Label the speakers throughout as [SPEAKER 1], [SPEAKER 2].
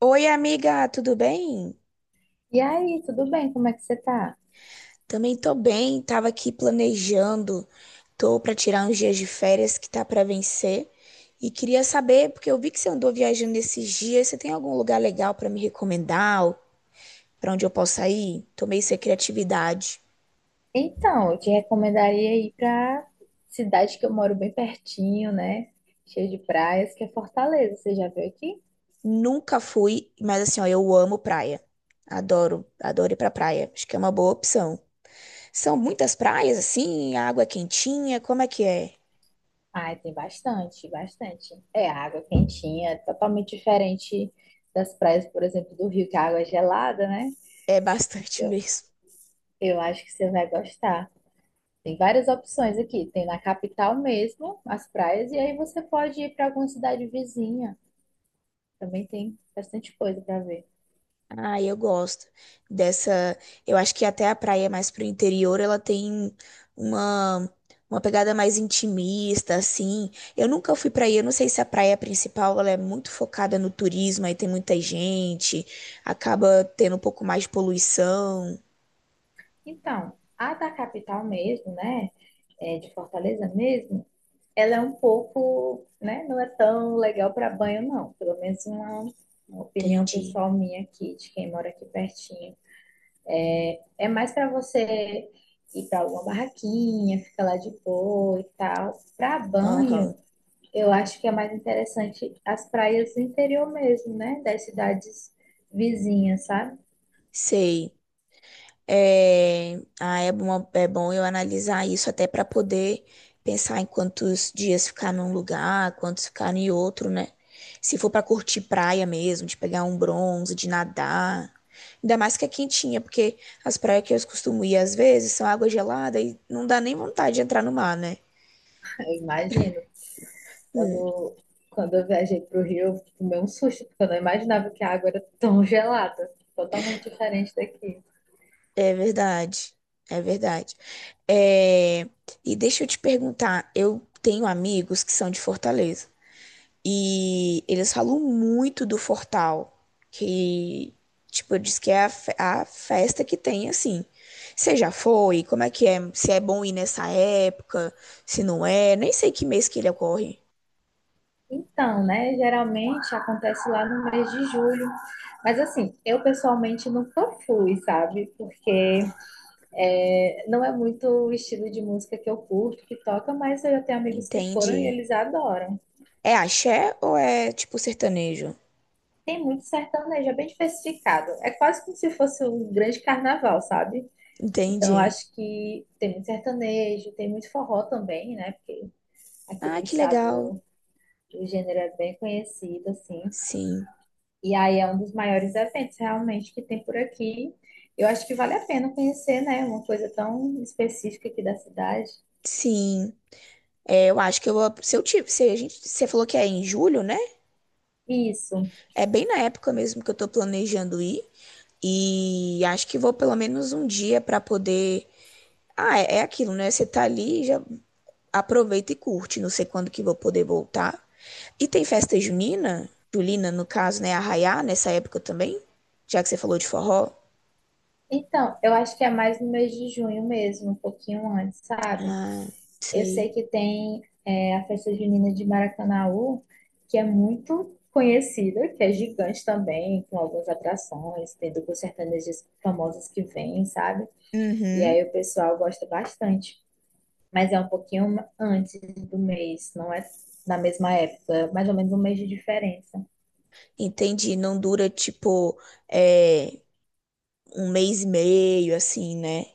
[SPEAKER 1] Oi, amiga, tudo bem?
[SPEAKER 2] E aí, tudo bem? Como é que você tá?
[SPEAKER 1] Também tô bem, tava aqui planejando, tô pra tirar uns dias de férias que tá pra vencer e queria saber, porque eu vi que você andou viajando esses dias, você tem algum lugar legal pra me recomendar, ou pra onde eu possa ir? Tomei essa criatividade.
[SPEAKER 2] Então, eu te recomendaria ir pra cidade que eu moro bem pertinho, né? Cheio de praias, que é Fortaleza. Você já veio aqui?
[SPEAKER 1] Nunca fui, mas assim, ó, eu amo praia. Adoro, adoro ir pra praia. Acho que é uma boa opção. São muitas praias assim, a água é quentinha, como é que é?
[SPEAKER 2] Ah, tem bastante, bastante. É água quentinha, é totalmente diferente das praias, por exemplo, do Rio, que a água é gelada, né?
[SPEAKER 1] É bastante
[SPEAKER 2] Eu,
[SPEAKER 1] mesmo.
[SPEAKER 2] eu acho que você vai gostar. Tem várias opções aqui. Tem na capital mesmo as praias, e aí você pode ir para alguma cidade vizinha. Também tem bastante coisa para ver.
[SPEAKER 1] Ah, eu gosto dessa. Eu acho que até a praia mais pro interior, ela tem uma uma pegada mais intimista, assim. Eu nunca fui pra aí, eu não sei se a praia principal ela é muito focada no turismo, aí tem muita gente, acaba tendo um pouco mais de poluição.
[SPEAKER 2] Então, a da capital mesmo, né? É, de Fortaleza mesmo, ela é um pouco, né? Não é tão legal para banho, não. Pelo menos uma opinião
[SPEAKER 1] Entendi.
[SPEAKER 2] pessoal minha aqui, de quem mora aqui pertinho. É mais para você ir para alguma barraquinha, ficar lá de boa e tal. Para banho,
[SPEAKER 1] Aham,
[SPEAKER 2] eu acho que é mais interessante as praias do interior mesmo, né? Das cidades vizinhas, sabe?
[SPEAKER 1] sei. É, ah, é bom eu analisar isso até para poder pensar em quantos dias ficar num lugar, quantos ficar em outro, né? Se for para curtir praia mesmo, de pegar um bronze, de nadar. Ainda mais que é quentinha, porque as praias que eu costumo ir às vezes são água gelada e não dá nem vontade de entrar no mar, né?
[SPEAKER 2] Eu imagino.
[SPEAKER 1] Hum.
[SPEAKER 2] Quando, quando eu viajei para o Rio, eu tomei um susto, porque eu não imaginava que a água era tão gelada, totalmente diferente daqui.
[SPEAKER 1] É verdade, é verdade. É, e deixa eu te perguntar, eu tenho amigos que são de Fortaleza. E eles falam muito do Fortal, que, tipo, diz que é a, a festa que tem, assim. Você já foi? Como é que é? Se é bom ir nessa época, se não é? Nem sei que mês que ele ocorre.
[SPEAKER 2] Então, né, geralmente acontece lá no mês de julho. Mas assim, eu pessoalmente nunca fui, sabe? Porque é, não é muito o estilo de música que eu curto, que toca, mas eu já tenho amigos que foram e
[SPEAKER 1] Entende?
[SPEAKER 2] eles adoram.
[SPEAKER 1] É axé ou é, tipo, sertanejo?
[SPEAKER 2] Tem muito sertanejo, é bem diversificado. É quase como se fosse um grande carnaval, sabe? Então, eu
[SPEAKER 1] Entendi.
[SPEAKER 2] acho que tem muito sertanejo, tem muito forró também, né? Porque aqui no
[SPEAKER 1] Ah, que
[SPEAKER 2] estado
[SPEAKER 1] legal.
[SPEAKER 2] o gênero é bem conhecido, assim.
[SPEAKER 1] Sim,
[SPEAKER 2] E aí é um dos maiores eventos realmente que tem por aqui. Eu acho que vale a pena conhecer, né? Uma coisa tão específica aqui da cidade.
[SPEAKER 1] sim. É, eu acho que eu, se eu tive, se a gente, você falou que é em julho, né?
[SPEAKER 2] Isso.
[SPEAKER 1] É bem na época mesmo que eu tô planejando ir. E acho que vou pelo menos um dia para poder. Ah, é, é aquilo, né? Você tá ali, já aproveita e curte. Não sei quando que vou poder voltar. E tem festa junina, Julina, no caso, né? Arraiá, nessa época também. Já que você falou de forró.
[SPEAKER 2] Então, eu acho que é mais no mês de junho mesmo, um pouquinho antes, sabe?
[SPEAKER 1] Ah,
[SPEAKER 2] Eu sei
[SPEAKER 1] sei.
[SPEAKER 2] que tem a festa junina de Maracanaú, que é muito conhecida, que é gigante também, com algumas atrações, tem duplos sertanejos famosos que vêm, sabe? E
[SPEAKER 1] Uhum,
[SPEAKER 2] aí o pessoal gosta bastante. Mas é um pouquinho antes do mês, não é na mesma época, é mais ou menos um mês de diferença.
[SPEAKER 1] entendi. Não dura tipo é, um mês e meio, assim, né?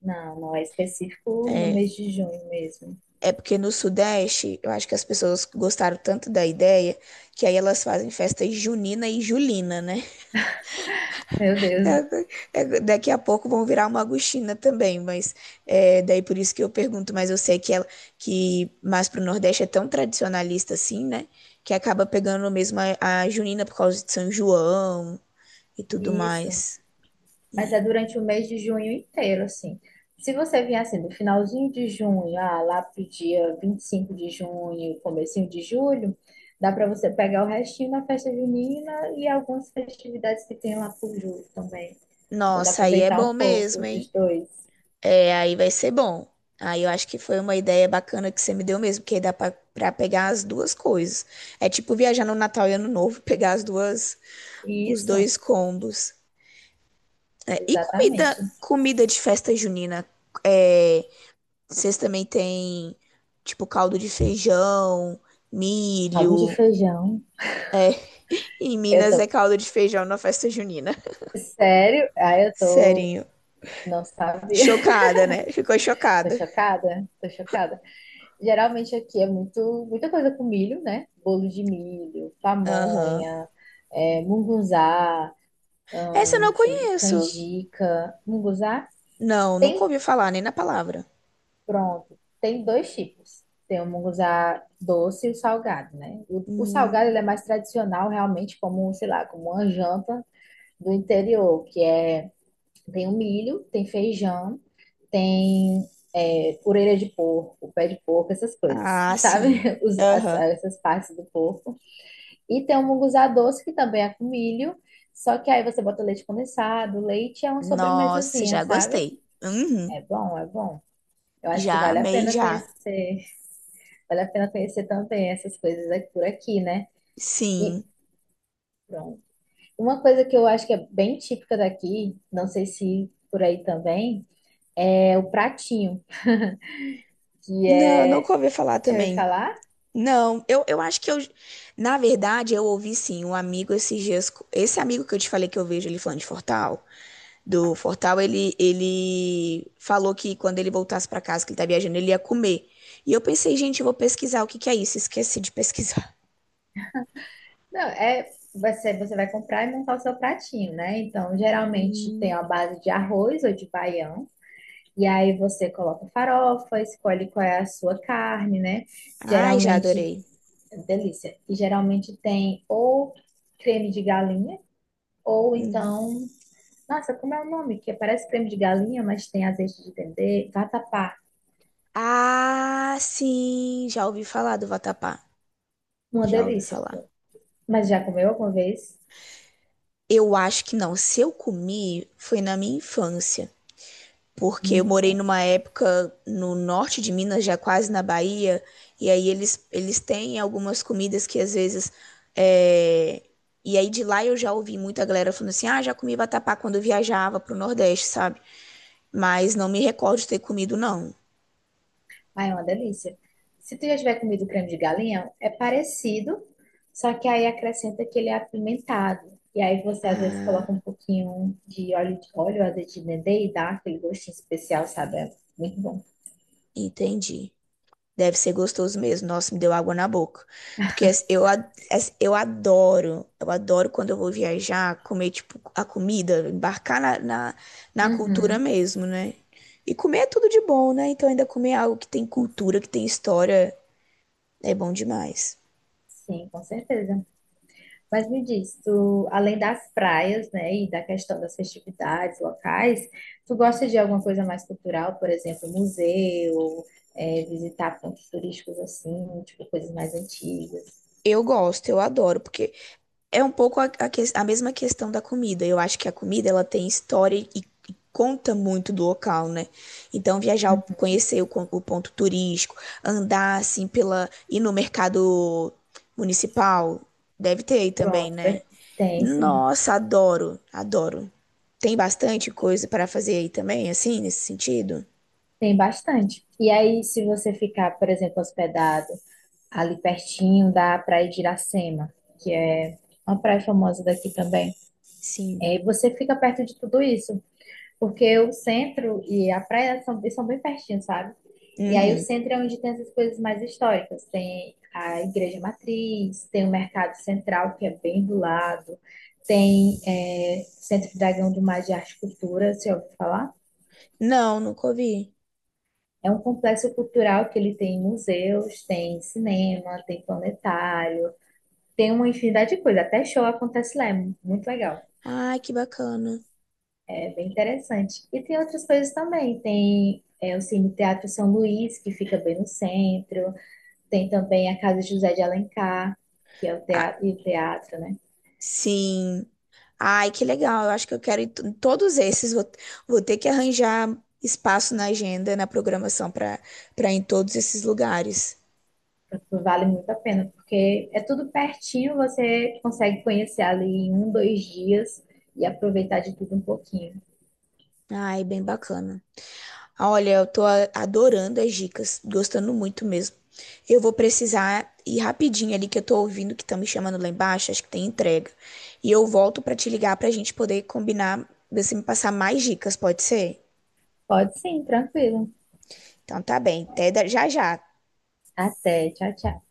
[SPEAKER 2] Não, não é específico no
[SPEAKER 1] É,
[SPEAKER 2] mês de junho mesmo.
[SPEAKER 1] é porque no Sudeste, eu acho que as pessoas gostaram tanto da ideia que aí elas fazem festa junina e julina, né?
[SPEAKER 2] Meu Deus,
[SPEAKER 1] É, é, daqui a pouco vão virar uma agostina também, mas é, daí por isso que eu pergunto, mas eu sei que ela que mais pro Nordeste é tão tradicionalista assim, né? Que acaba pegando mesmo a junina por causa de São João e tudo
[SPEAKER 2] isso.
[SPEAKER 1] mais.
[SPEAKER 2] Mas é
[SPEAKER 1] E,
[SPEAKER 2] durante o mês de junho inteiro, assim. Se você vier assim, do finalzinho de junho, ah, lá pro dia 25 de junho, comecinho de julho, dá para você pegar o restinho da festa junina e algumas festividades que tem lá por julho também. Então dá pra
[SPEAKER 1] nossa, aí é
[SPEAKER 2] aproveitar um
[SPEAKER 1] bom mesmo,
[SPEAKER 2] pouco dos
[SPEAKER 1] hein?
[SPEAKER 2] dois.
[SPEAKER 1] É, aí vai ser bom. Aí eu acho que foi uma ideia bacana que você me deu mesmo, porque aí dá pra pegar as duas coisas. É tipo viajar no Natal e Ano Novo, pegar as duas, os
[SPEAKER 2] Isso,
[SPEAKER 1] dois combos. É, e comida,
[SPEAKER 2] exatamente.
[SPEAKER 1] comida de festa junina. É, vocês também têm tipo caldo de feijão,
[SPEAKER 2] Caldo de
[SPEAKER 1] milho.
[SPEAKER 2] feijão.
[SPEAKER 1] Em
[SPEAKER 2] Eu
[SPEAKER 1] Minas é
[SPEAKER 2] tô,
[SPEAKER 1] caldo de feijão na festa junina.
[SPEAKER 2] sério? Ah, eu tô,
[SPEAKER 1] Serinho.
[SPEAKER 2] não sabia.
[SPEAKER 1] Chocada, né? Ficou
[SPEAKER 2] Tô
[SPEAKER 1] chocada.
[SPEAKER 2] chocada, tô chocada. Geralmente aqui é muito, muita coisa com milho, né? Bolo de milho,
[SPEAKER 1] Aham.
[SPEAKER 2] pamonha, é, mungunzá,
[SPEAKER 1] Essa eu não
[SPEAKER 2] deixa eu ver,
[SPEAKER 1] conheço.
[SPEAKER 2] canjica. Mungunzá
[SPEAKER 1] Não, nunca
[SPEAKER 2] tem,
[SPEAKER 1] ouvi falar nem na palavra.
[SPEAKER 2] pronto, tem dois tipos. Tem o mungunzá doce e o salgado, né? O salgado ele é
[SPEAKER 1] Hum.
[SPEAKER 2] mais tradicional, realmente, como, sei lá, como uma janta do interior, que é, tem o milho, tem feijão, tem orelha de porco, pé de porco, essas coisas,
[SPEAKER 1] Ah,
[SPEAKER 2] sabe?
[SPEAKER 1] sim. Aham.
[SPEAKER 2] Essas partes do porco. E tem o munguzá doce, que também é com milho. Só que aí você bota leite condensado, leite é uma
[SPEAKER 1] Nossa,
[SPEAKER 2] sobremesazinha,
[SPEAKER 1] já
[SPEAKER 2] sabe?
[SPEAKER 1] gostei. Uhum.
[SPEAKER 2] É bom, é bom. Eu acho que
[SPEAKER 1] Já
[SPEAKER 2] vale a
[SPEAKER 1] amei,
[SPEAKER 2] pena
[SPEAKER 1] já.
[SPEAKER 2] conhecer, vale a pena conhecer também essas coisas aqui- por aqui, né? E
[SPEAKER 1] Sim.
[SPEAKER 2] pronto. Uma coisa que eu acho que é bem típica daqui, não sei se por aí também, é o pratinho, que é,
[SPEAKER 1] Não, nunca ouvi falar
[SPEAKER 2] deixa eu ver
[SPEAKER 1] também.
[SPEAKER 2] falar?
[SPEAKER 1] Não, eu acho que eu. Na verdade, eu ouvi sim um amigo esses dias. Esse amigo que eu te falei que eu vejo ele falando de Fortal, do Fortal, ele falou que quando ele voltasse pra casa, que ele tá viajando, ele ia comer. E eu pensei, gente, eu vou pesquisar o que que é isso. Esqueci de pesquisar.
[SPEAKER 2] Não, é você, você vai comprar e montar o seu pratinho, né? Então, geralmente tem uma base de arroz ou de baião. E aí você coloca farofa, escolhe qual é a sua carne, né?
[SPEAKER 1] Ai, já
[SPEAKER 2] Geralmente,
[SPEAKER 1] adorei.
[SPEAKER 2] delícia. E geralmente tem ou creme de galinha, ou
[SPEAKER 1] Uhum.
[SPEAKER 2] então, nossa, como é o nome? Que parece creme de galinha, mas tem azeite de dendê, vatapá.
[SPEAKER 1] Ah, sim, já ouvi falar do vatapá.
[SPEAKER 2] Uma
[SPEAKER 1] Já ouvi
[SPEAKER 2] delícia,
[SPEAKER 1] falar.
[SPEAKER 2] pô. Mas já comeu alguma vez?
[SPEAKER 1] Eu acho que não. Se eu comi, foi na minha infância. Porque eu
[SPEAKER 2] Muito
[SPEAKER 1] morei
[SPEAKER 2] bom.
[SPEAKER 1] numa época no norte de Minas, já quase na Bahia. E aí eles têm algumas comidas que às vezes. É, e aí de lá eu já ouvi muita galera falando assim: ah, já comi vatapá quando eu viajava pro Nordeste, sabe? Mas não me recordo de ter comido, não.
[SPEAKER 2] Ai, é uma delícia. Se tu já tiver comido creme de galinha, é parecido, só que aí acrescenta que ele é apimentado. E aí você às vezes
[SPEAKER 1] Ah,
[SPEAKER 2] coloca um pouquinho azeite de dendê e dá aquele gostinho especial, sabe? É muito bom.
[SPEAKER 1] entendi. Deve ser gostoso mesmo. Nossa, me deu água na boca. Porque eu adoro quando eu vou viajar, comer, tipo, a comida, embarcar na cultura
[SPEAKER 2] Uhum.
[SPEAKER 1] mesmo, né? E comer é tudo de bom, né? Então ainda comer é algo que tem cultura, que tem história, é bom demais.
[SPEAKER 2] Sim, com certeza. Mas me diz, tu, além das praias, né, e da questão das festividades locais, tu gosta de alguma coisa mais cultural, por exemplo, museu, é, visitar pontos turísticos assim, tipo coisas mais antigas?
[SPEAKER 1] Eu gosto, eu adoro, porque é um pouco a mesma questão da comida. Eu acho que a comida ela tem história e conta muito do local, né? Então viajar, conhecer o ponto turístico, andar assim pela, ir no mercado municipal, deve ter aí também,
[SPEAKER 2] Pronto,
[SPEAKER 1] né?
[SPEAKER 2] tem sim,
[SPEAKER 1] Nossa, adoro, adoro. Tem bastante coisa para fazer aí também, assim, nesse sentido?
[SPEAKER 2] tem bastante. E aí, se você ficar, por exemplo, hospedado ali pertinho da Praia de Iracema, que é uma praia famosa daqui também,
[SPEAKER 1] Sim.
[SPEAKER 2] é, você fica perto de tudo isso, porque o centro e a praia são bem pertinhos, sabe? E aí o
[SPEAKER 1] Uhum.
[SPEAKER 2] centro é onde tem essas coisas mais históricas, tem a Igreja Matriz, tem o Mercado Central, que é bem do lado, tem Centro Dragão do Mar de Arte e Cultura, se ouviu falar?
[SPEAKER 1] Não, nunca ouvi.
[SPEAKER 2] É um complexo cultural que ele tem museus, tem cinema, tem planetário, tem uma infinidade de coisas. Até show acontece lá, é muito legal.
[SPEAKER 1] Ai, que bacana.
[SPEAKER 2] É bem interessante. E tem outras coisas também. Tem o Cine Teatro São Luís, que fica bem no centro. Tem também a Casa José de Alencar, que é o
[SPEAKER 1] Ah,
[SPEAKER 2] teatro, e o teatro, né?
[SPEAKER 1] sim. Ai, que legal. Eu acho que eu quero ir em todos esses. Vou, vou ter que arranjar espaço na agenda, na programação para ir em todos esses lugares.
[SPEAKER 2] Vale muito a pena, porque é tudo pertinho, você consegue conhecer ali em um, dois dias e aproveitar de tudo um pouquinho.
[SPEAKER 1] Ai, bem bacana. Olha, eu tô adorando as dicas, gostando muito mesmo. Eu vou precisar ir rapidinho ali que eu tô ouvindo que estão me chamando lá embaixo, acho que tem entrega. E eu volto pra te ligar pra gente poder combinar, você me passar mais dicas, pode ser?
[SPEAKER 2] Pode sim, tranquilo.
[SPEAKER 1] Então tá bem. Até já já.
[SPEAKER 2] Até. Tchau, tchau.